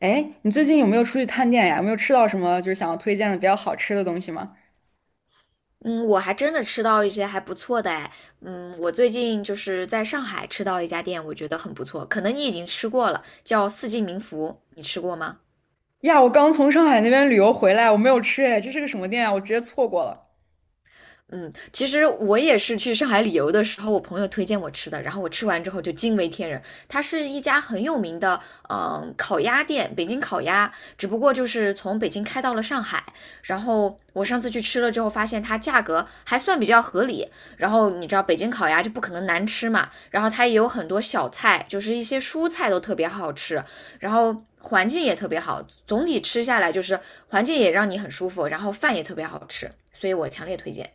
哎，你最近有没有出去探店呀？有没有吃到什么就是想要推荐的比较好吃的东西吗？嗯，我还真的吃到一些还不错的哎。嗯，我最近就是在上海吃到了一家店，我觉得很不错，可能你已经吃过了，叫四季民福，你吃过吗？呀，我刚从上海那边旅游回来，我没有吃哎，这是个什么店啊？我直接错过了。嗯，其实我也是去上海旅游的时候，我朋友推荐我吃的，然后我吃完之后就惊为天人。它是一家很有名的，嗯，烤鸭店，北京烤鸭，只不过就是从北京开到了上海。然后我上次去吃了之后，发现它价格还算比较合理。然后你知道北京烤鸭就不可能难吃嘛，然后它也有很多小菜，就是一些蔬菜都特别好吃，然后环境也特别好，总体吃下来就是环境也让你很舒服，然后饭也特别好吃，所以我强烈推荐。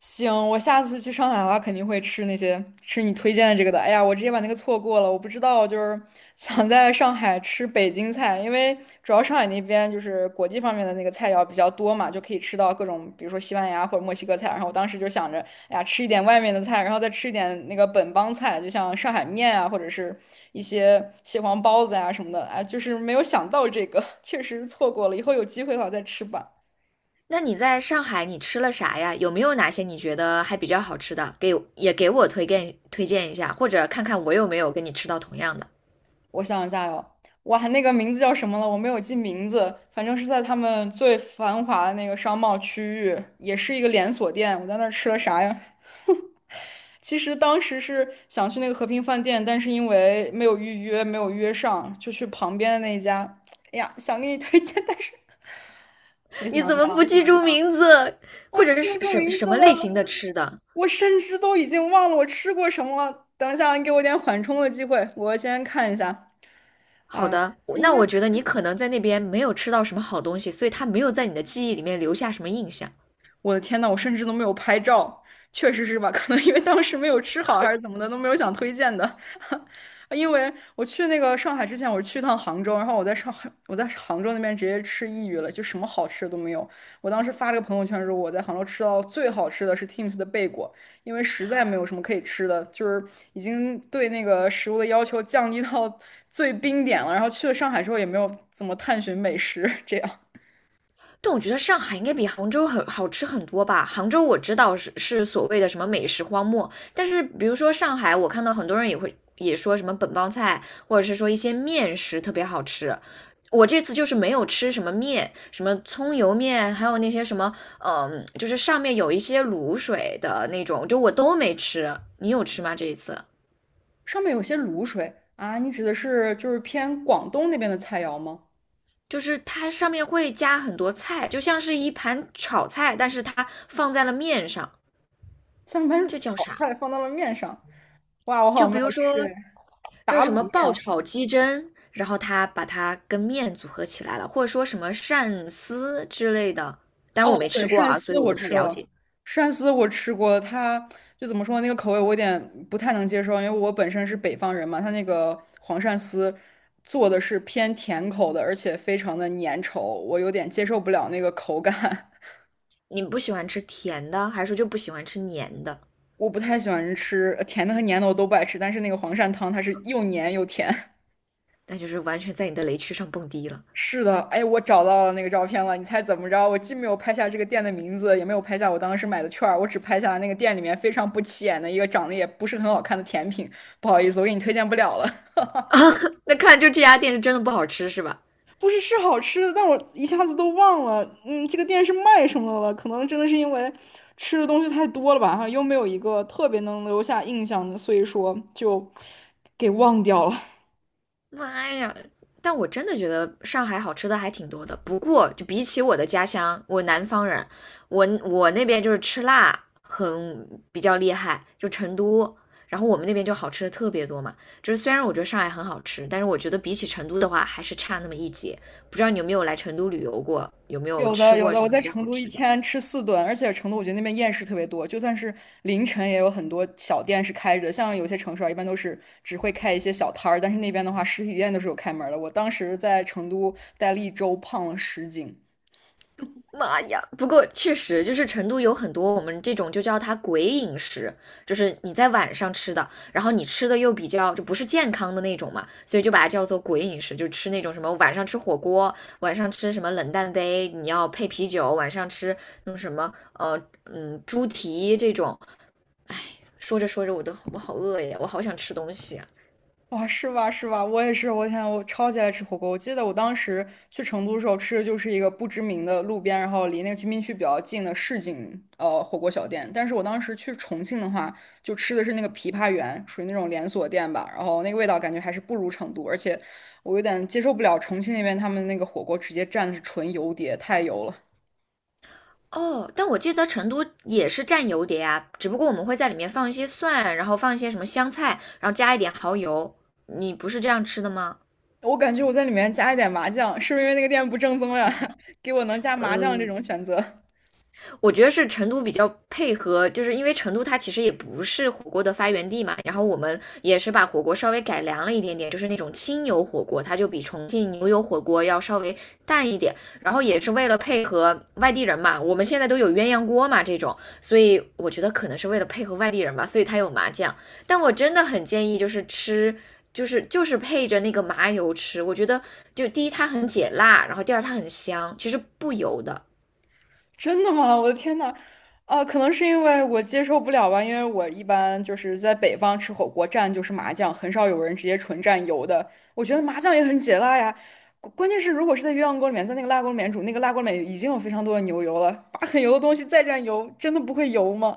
行，我下次去上海的话，肯定会吃那些吃你推荐的这个的。哎呀，我直接把那个错过了，我不知道，就是 想在上海吃北京菜，因为主要上海那边就是国际方面的那个菜肴比较多嘛，就可以吃到各种，比如说西班牙或者墨西哥菜。然后我当时就想着，哎呀，吃一点外面的菜，然后再吃一点那个本帮菜，就像上海面啊，或者是一些蟹黄包子呀、什么的。哎，就是没有想到这个，确实错过了，以后有机会的话再吃吧。那你在上海你吃了啥呀？有没有哪些你觉得还比较好吃的？给也给我推荐推荐一下，或者看看我有没有跟你吃到同样的。我想一下哟，哇，那个名字叫什么了？我没有记名字，反正是在他们最繁华的那个商贸区域，也是一个连锁店。我在那儿吃了啥呀？其实当时是想去那个和平饭店，但是因为没有预约，没有约上，就去旁边的那一家。哎呀，想给你推荐，但是 我你想一怎么下，不记住名字？我或者记是不什住什名什字么类型的了，吃的？我甚至都已经忘了我吃过什么了。等一下，你给我点缓冲的机会，我先看一下好啊，的，我应那该。我觉得你可能在那边没有吃到什么好东西，所以它没有在你的记忆里面留下什么印象。我的天呐，我甚至都没有拍照，确实是吧？可能因为当时没有吃好还是怎么的，都没有想推荐的。因为我去那个上海之前，我是去趟杭州，然后我在上海，我在杭州那边直接吃抑郁了，就什么好吃的都没有。我当时发了个朋友圈说，我在杭州吃到最好吃的是 Teams 的贝果，因为实在没有什么可以吃的，就是已经对那个食物的要求降低到最冰点了。然后去了上海之后，也没有怎么探寻美食，这样。但我觉得上海应该比杭州很好吃很多吧。杭州我知道是所谓的什么美食荒漠，但是比如说上海，我看到很多人也会也说什么本帮菜，或者是说一些面食特别好吃。我这次就是没有吃什么面，什么葱油面，还有那些什么，嗯，就是上面有一些卤水的那种，就我都没吃。你有吃吗？这一次？上面有些卤水啊，你指的是就是偏广东那边的菜肴吗？就是它上面会加很多菜，就像是一盘炒菜，但是它放在了面上，像把这叫炒啥？菜放到了面上，哇，我好就像没比如有说，吃哎。就是打什卤么爆面，炒鸡胗，然后他把它跟面组合起来了，或者说什么鳝丝之类的。但是哦，我没对，吃过鳝啊，所丝以我我不太吃了了，解。鳝丝我吃过，它就怎么说那个口味我有点不太能接受，因为我本身是北方人嘛，它那个黄鳝丝做的是偏甜口的，而且非常的粘稠，我有点接受不了那个口感。你不喜欢吃甜的，还是说就不喜欢吃黏的？我不太喜欢吃甜的和粘的，我都不爱吃，但是那个黄鳝汤它是又粘又甜。那就是完全在你的雷区上蹦迪了。是的，哎，我找到了那个照片了。你猜怎么着？我既没有拍下这个店的名字，也没有拍下我当时买的券儿，我只拍下了那个店里面非常不起眼的一个长得也不是很好看的甜品。不好意思，我给你推荐不了了。那看来就这家店是真的不好吃，是吧？不是是好吃的，但我一下子都忘了，嗯，这个店是卖什么的了？可能真的是因为吃的东西太多了吧，哈，又没有一个特别能留下印象的，所以说就给忘掉了。妈呀！但我真的觉得上海好吃的还挺多的。不过，就比起我的家乡，我南方人，我那边就是吃辣很比较厉害，就成都。然后我们那边就好吃的特别多嘛。就是虽然我觉得上海很好吃，但是我觉得比起成都的话，还是差那么一截。不知道你有没有来成都旅游过，有没有有的吃有过的，什我么在比较成好都一吃的？天吃四顿，而且成都我觉得那边夜市特别多，就算是凌晨也有很多小店是开着，像有些城市啊，一般都是只会开一些小摊儿，但是那边的话，实体店都是有开门儿的。我当时在成都待了一周，胖了10斤。妈呀！不过确实就是成都有很多我们这种就叫它鬼饮食，就是你在晚上吃的，然后你吃的又比较就不是健康的那种嘛，所以就把它叫做鬼饮食，就吃那种什么晚上吃火锅，晚上吃什么冷淡杯，你要配啤酒，晚上吃那种什么猪蹄这种。说着说着我好饿呀，我好想吃东西啊。哇，是吧是吧？我也是，我天，我超级爱吃火锅。我记得我当时去成都的时候吃的就是一个不知名的路边，然后离那个居民区比较近的市井火锅小店。但是我当时去重庆的话，就吃的是那个枇杷园，属于那种连锁店吧。然后那个味道感觉还是不如成都，而且我有点接受不了重庆那边他们那个火锅直接蘸的是纯油碟，太油了。哦，但我记得成都也是蘸油碟啊，只不过我们会在里面放一些蒜，然后放一些什么香菜，然后加一点蚝油。你不是这样吃的吗？我感觉我在里面加一点麻酱，是不是因为那个店不正宗呀？给我能加麻酱这嗯，种选择。我觉得是成都比较配合，就是因为成都它其实也不是火锅的发源地嘛，然后我们也是把火锅稍微改良了一点点，就是那种清油火锅，它就比重庆牛油火锅要稍微淡一点，然后也是为了配合外地人嘛，我们现在都有鸳鸯锅嘛这种，所以我觉得可能是为了配合外地人吧，所以它有麻酱，但我真的很建议就是吃。就是配着那个麻油吃，我觉得就第一它很解辣，然后第二它很香，其实不油的。真的吗？我的天呐！啊，可能是因为我接受不了吧，因为我一般就是在北方吃火锅蘸就是麻酱，很少有人直接纯蘸油的。我觉得麻酱也很解辣呀。关键是如果是在鸳鸯锅里面，在那个辣锅里面煮，那个辣锅里面已经有非常多的牛油了，把很油的东西再蘸油，真的不会油吗？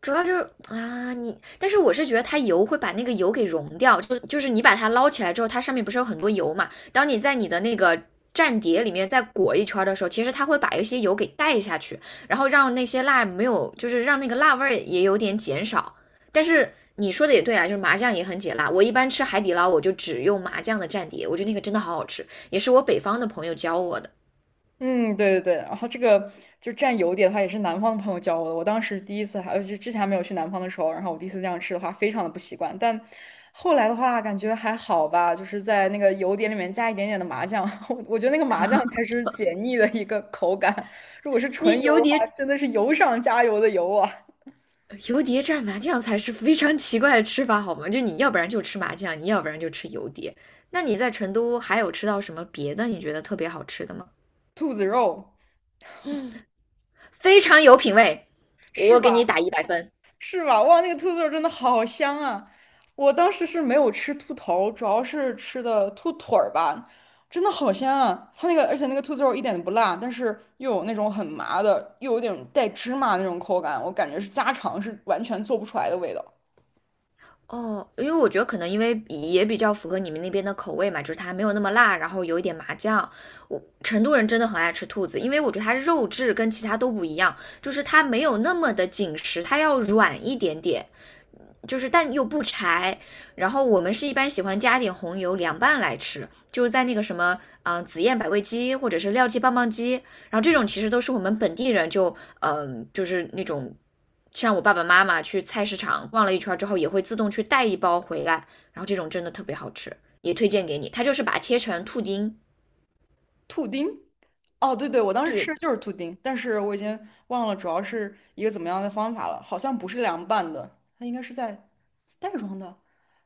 主要就是啊，你，但是我是觉得它油会把那个油给溶掉，就是你把它捞起来之后，它上面不是有很多油嘛？当你在你的那个蘸碟里面再裹一圈的时候，其实它会把一些油给带下去，然后让那些辣没有，就是让那个辣味儿也有点减少。但是你说的也对啊，就是麻酱也很解辣。我一般吃海底捞，我就只用麻酱的蘸碟，我觉得那个真的好好吃，也是我北方的朋友教我的。嗯，对对对，然后这个就蘸油碟的话，也是南方的朋友教我的。我当时第一次还就之前还没有去南方的时候，然后我第一次这样吃的话，非常的不习惯。但后来的话，感觉还好吧，就是在那个油碟里面加一点点的麻酱，我觉得那个麻酱才是解腻的一个口感。如果是纯你油油的话，碟真的是油上加油的油啊，蘸麻酱才是非常奇怪的吃法，好吗？就你要不然就吃麻酱，你要不然就吃油碟。那你在成都还有吃到什么别的你觉得特别好吃的吗？兔子肉嗯，非常有品味，是我给你吧？打100分。是吧？哇，那个兔子肉真的好香啊！我当时是没有吃兔头，主要是吃的兔腿儿吧，真的好香啊！它那个，而且那个兔子肉一点都不辣，但是又有那种很麻的，又有点带芝麻的那种口感，我感觉是家常是完全做不出来的味道。哦，因为我觉得可能因为也比较符合你们那边的口味嘛，就是它没有那么辣，然后有一点麻酱。我成都人真的很爱吃兔子，因为我觉得它肉质跟其他都不一样，就是它没有那么的紧实，它要软一点点。就是但又不柴。然后我们是一般喜欢加点红油凉拌来吃，就是在那个什么，紫燕百味鸡或者是廖记棒棒鸡，然后这种其实都是我们本地人就，就是那种。像我爸爸妈妈去菜市场逛了一圈之后，也会自动去带一包回来，然后这种真的特别好吃，也推荐给你。它就是把它切成兔丁，兔丁，哦，对对，我当时吃对，的就是兔丁，但是我已经忘了主要是一个怎么样的方法了，好像不是凉拌的，它应该是在袋装的。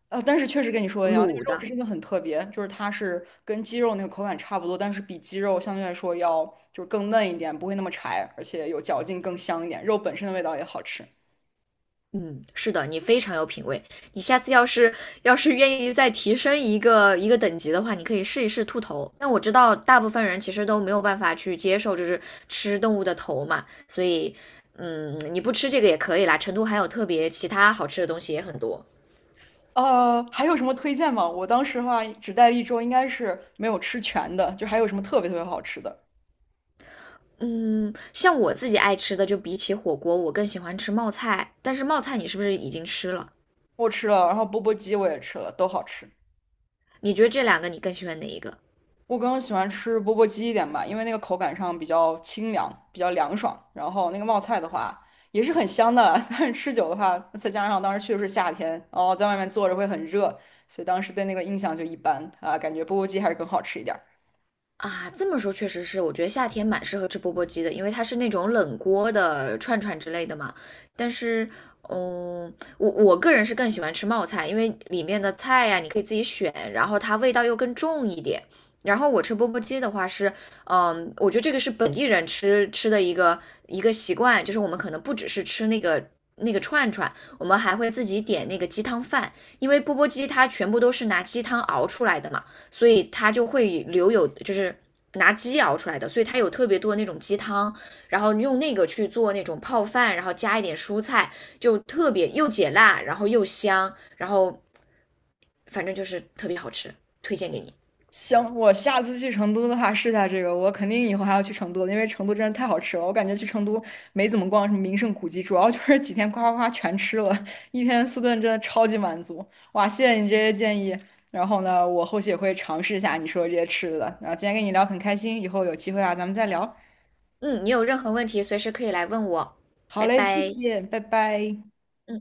但是确实跟你说的一样，那卤个肉质的，真的很特别，就是它是跟鸡肉那个口感差不多，但是比鸡肉相对来说要就是更嫩一点，不会那么柴，而且有嚼劲，更香一点，肉本身的味道也好吃。嗯，是的，你非常有品味。你下次要是愿意再提升一个等级的话，你可以试一试兔头。但我知道大部分人其实都没有办法去接受，就是吃动物的头嘛，所以，嗯，你不吃这个也可以啦。成都还有特别其他好吃的东西也很多。还有什么推荐吗？我当时的话只待了一周，应该是没有吃全的，就还有什么特别特别好吃的，嗯，像我自己爱吃的，就比起火锅，我更喜欢吃冒菜。但是冒菜你是不是已经吃了？我吃了，然后钵钵鸡我也吃了，都好吃。你觉得这两个你更喜欢哪一个？我更喜欢吃钵钵鸡一点吧，因为那个口感上比较清凉，比较凉爽。然后那个冒菜的话也是很香的啦 但是吃久的话，再加上当时去的是夏天，然后在外面坐着会很热，所以当时对那个印象就一般啊，感觉钵钵鸡还是更好吃一点。啊，这么说确实是，我觉得夏天蛮适合吃钵钵鸡的，因为它是那种冷锅的串串之类的嘛。但是，嗯，我个人是更喜欢吃冒菜，因为里面的菜呀、你可以自己选，然后它味道又更重一点。然后我吃钵钵鸡的话是，嗯，我觉得这个是本地人吃的一个习惯，就是我们可能不只是吃那个串串，我们还会自己点那个鸡汤饭，因为钵钵鸡它全部都是拿鸡汤熬出来的嘛。所以它就会留有就是拿鸡熬出来的，所以它有特别多的那种鸡汤，然后用那个去做那种泡饭，然后加一点蔬菜，就特别又解辣，然后又香，然后反正就是特别好吃，推荐给你。行，我下次去成都的话试下这个，我肯定以后还要去成都的因为成都真的太好吃了。我感觉去成都没怎么逛什么名胜古迹，主要就是几天夸夸夸全吃了，一天四顿真的超级满足。哇，谢谢你这些建议，然后呢，我后续也会尝试一下你说的这些吃的。然后今天跟你聊很开心，以后有机会啊，咱们再聊。嗯，你有任何问题随时可以来问我，好拜嘞，谢拜。谢，拜拜。嗯。